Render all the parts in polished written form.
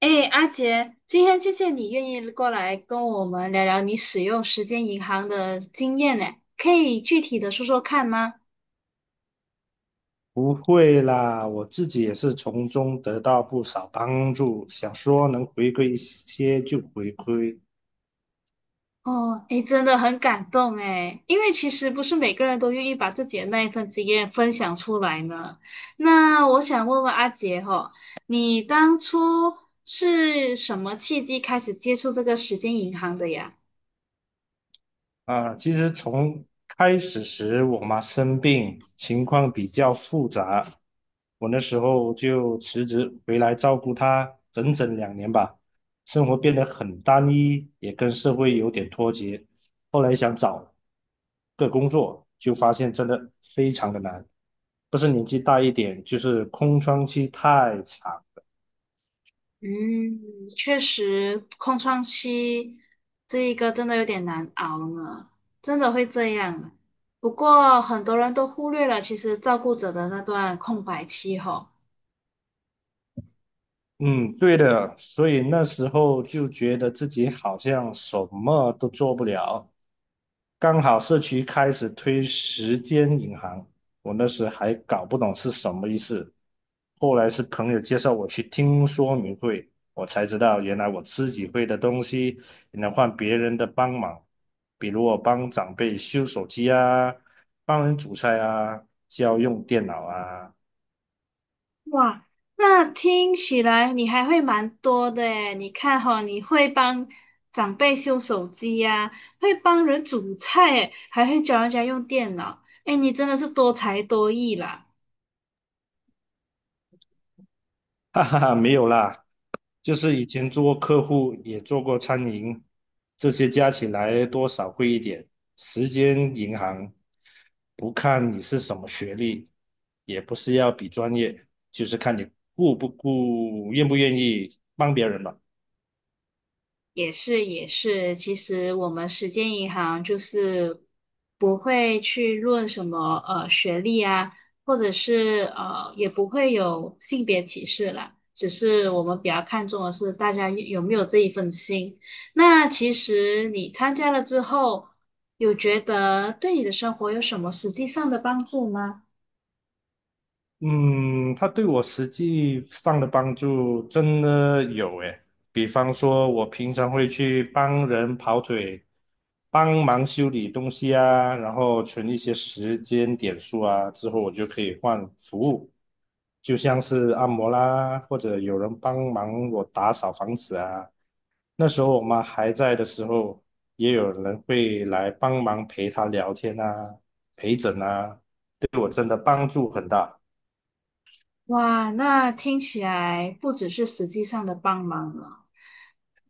哎，阿杰，今天谢谢你愿意过来跟我们聊聊你使用时间银行的经验呢，可以具体的说说看吗？不会啦，我自己也是从中得到不少帮助，想说能回馈一些就回馈，哦，哎，真的很感动哎，因为其实不是每个人都愿意把自己的那一份经验分享出来呢。那我想问问阿杰哈，你当初是什么契机开始接触这个时间银行的呀？啊，其实从开始时我妈生病，情况比较复杂，我那时候就辞职回来照顾她整整2年吧，生活变得很单一，也跟社会有点脱节。后来想找个工作，就发现真的非常的难，不是年纪大一点，就是空窗期太长，嗯，确实，空窗期这一个真的有点难熬呢，真的会这样啊。不过很多人都忽略了，其实照顾者的那段空白期吼。嗯，对的，所以那时候就觉得自己好像什么都做不了。刚好社区开始推时间银行，我那时还搞不懂是什么意思。后来是朋友介绍我去听说明会，我才知道原来我自己会的东西也能换别人的帮忙，比如我帮长辈修手机啊，帮人煮菜啊，教用电脑啊。哇，那听起来你还会蛮多的诶，你看哈，你会帮长辈修手机呀、会帮人煮菜诶，还会教人家用电脑，诶，你真的是多才多艺啦。哈哈哈，没有啦，就是以前做过客户也做过餐饮，这些加起来多少贵一点。时间银行，不看你是什么学历，也不是要比专业，就是看你顾不顾，愿不愿意帮别人吧。也是也是，其实我们时间银行就是不会去论什么学历啊，或者是也不会有性别歧视啦，只是我们比较看重的是大家有没有这一份心。那其实你参加了之后，有觉得对你的生活有什么实际上的帮助吗？嗯，它对我实际上的帮助真的有诶，比方说，我平常会去帮人跑腿，帮忙修理东西啊，然后存一些时间点数啊，之后我就可以换服务，就像是按摩啦，或者有人帮忙我打扫房子啊。那时候我妈还在的时候，也有人会来帮忙陪她聊天啊、陪诊啊，对我真的帮助很大。哇，那听起来不只是实际上的帮忙了。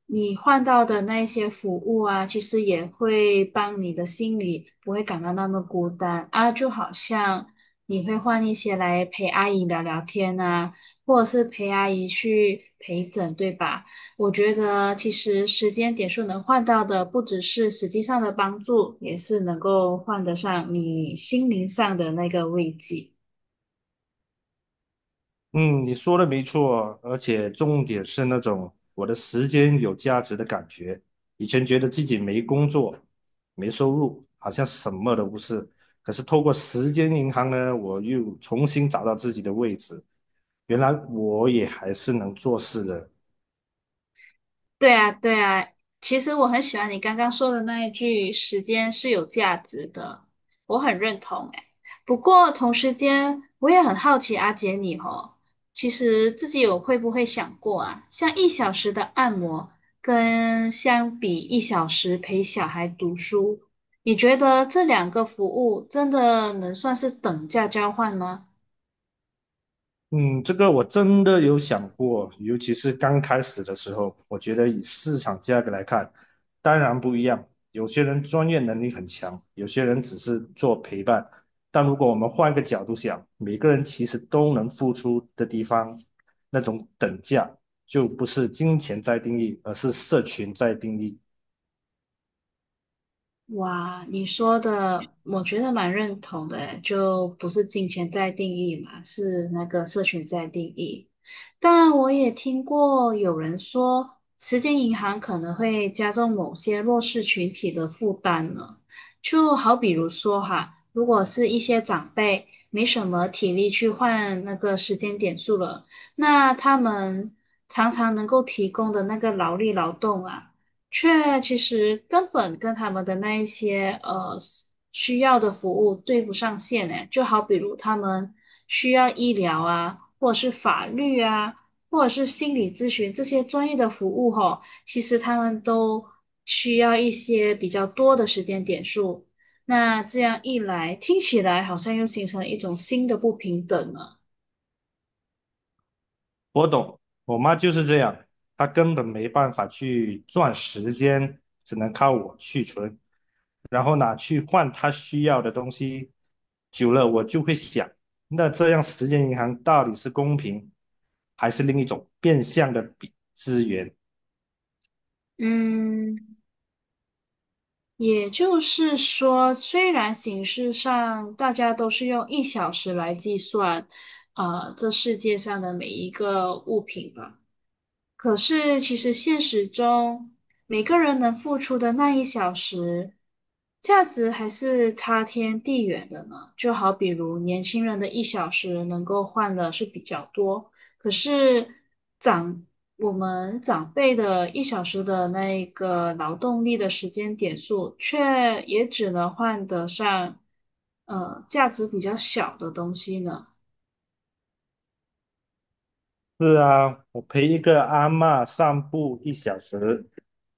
你换到的那一些服务啊，其实也会帮你的心里不会感到那么孤单啊，就好像你会换一些来陪阿姨聊聊天啊，或者是陪阿姨去陪诊，对吧？我觉得其实时间点数能换到的，不只是实际上的帮助，也是能够换得上你心灵上的那个慰藉。嗯，你说的没错，而且重点是那种我的时间有价值的感觉。以前觉得自己没工作、没收入，好像什么都不是。可是透过时间银行呢，我又重新找到自己的位置。原来我也还是能做事的，对啊，对啊，其实我很喜欢你刚刚说的那一句“时间是有价值的”，我很认同诶。不过同时间，我也很好奇阿姐你哦，其实自己有会不会想过啊，像一小时的按摩，跟相比一小时陪小孩读书，你觉得这两个服务真的能算是等价交换吗？嗯，这个我真的有想过，尤其是刚开始的时候，我觉得以市场价格来看，当然不一样。有些人专业能力很强，有些人只是做陪伴。但如果我们换个角度想，每个人其实都能付出的地方，那种等价就不是金钱在定义，而是社群在定义。哇，你说的我觉得蛮认同的诶，就不是金钱在定义嘛，是那个社群在定义。但我也听过有人说，时间银行可能会加重某些弱势群体的负担呢。就好比如说哈，如果是一些长辈没什么体力去换那个时间点数了，那他们常常能够提供的那个劳力劳动啊。却其实根本跟他们的那一些需要的服务对不上线呢。就好比如他们需要医疗啊，或者是法律啊，或者是心理咨询这些专业的服务吼，其实他们都需要一些比较多的时间点数。那这样一来，听起来好像又形成一种新的不平等了。我懂，我妈就是这样，她根本没办法去赚时间，只能靠我去存，然后拿去换她需要的东西。久了，我就会想，那这样时间银行到底是公平，还是另一种变相的比资源？嗯，也就是说，虽然形式上大家都是用一小时来计算，啊，这世界上的每一个物品吧，可是，其实现实中，每个人能付出的那1小时，价值还是差天地远的呢。就好比如年轻人的一小时能够换的是比较多，可是长我们长辈的一小时的那一个劳动力的时间点数，却也只能换得上价值比较小的东西呢。是啊，我陪一个阿嬷散步一小时，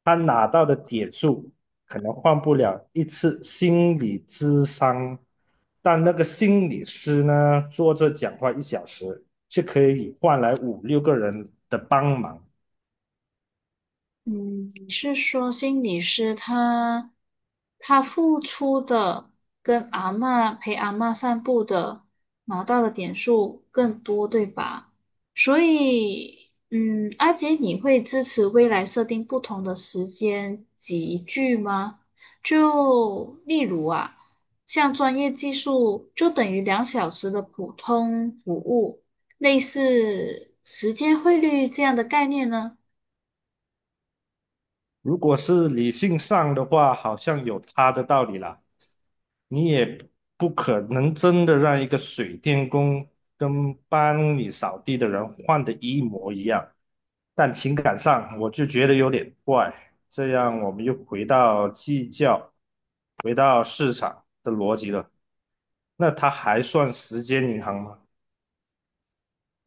她拿到的点数可能换不了一次心理咨商，但那个心理师呢，坐着讲话一小时，却可以换来五六个人的帮忙。嗯，你是说心理师他付出的跟阿嬷陪阿嬷散步的拿到的点数更多，对吧？所以，嗯，阿杰，你会支持未来设定不同的时间集聚吗？就例如啊，像专业技术就等于2小时的普通服务，类似时间汇率这样的概念呢？如果是理性上的话，好像有他的道理啦。你也不可能真的让一个水电工跟帮你扫地的人换的一模一样，但情感上我就觉得有点怪。这样我们又回到计较，回到市场的逻辑了。那它还算时间银行吗？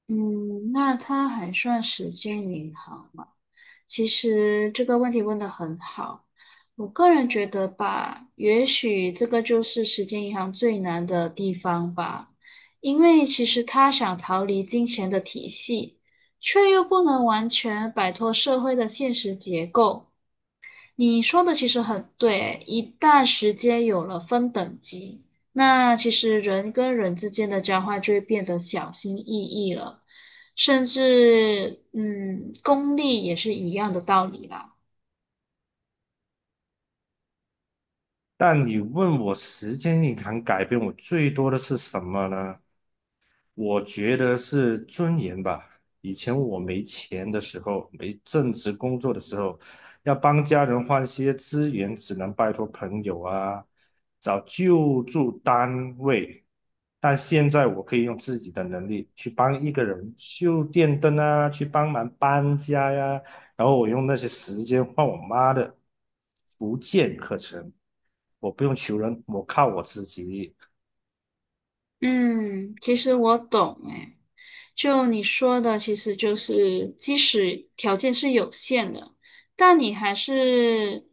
嗯，那他还算时间银行吗？其实这个问题问得很好，我个人觉得吧，也许这个就是时间银行最难的地方吧，因为其实他想逃离金钱的体系，却又不能完全摆脱社会的现实结构。你说的其实很对，一旦时间有了分等级，那其实人跟人之间的交换就会变得小心翼翼了，甚至功利也是一样的道理啦。但你问我时间银行改变我最多的是什么呢？我觉得是尊严吧。以前我没钱的时候，没正职工作的时候，要帮家人换些资源，只能拜托朋友啊，找救助单位。但现在我可以用自己的能力去帮一个人修电灯啊，去帮忙搬家呀、然后我用那些时间换我妈的福建课程，我不用求人，我靠我自己。嗯，其实我懂诶。就你说的，其实就是即使条件是有限的，但你还是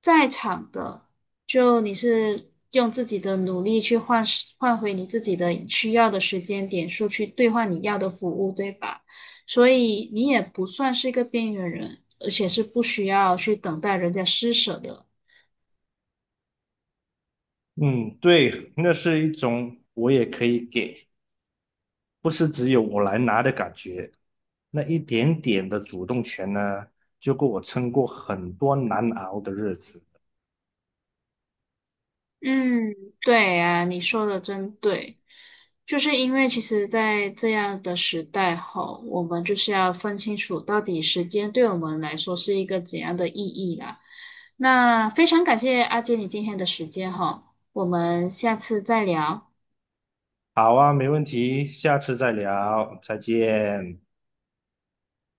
在场的，就你是用自己的努力去换回你自己的需要的时间点数，去兑换你要的服务，对吧？所以你也不算是一个边缘人，而且是不需要去等待人家施舍的。嗯，对，那是一种我也可以给，不是只有我来拿的感觉。那一点点的主动权呢，就够我撑过很多难熬的日子。嗯，对啊，你说的真对，就是因为其实，在这样的时代吼，我们就是要分清楚到底时间对我们来说是一个怎样的意义啦。那非常感谢阿杰你今天的时间哈，我们下次再聊。好啊，没问题，下次再聊，再见。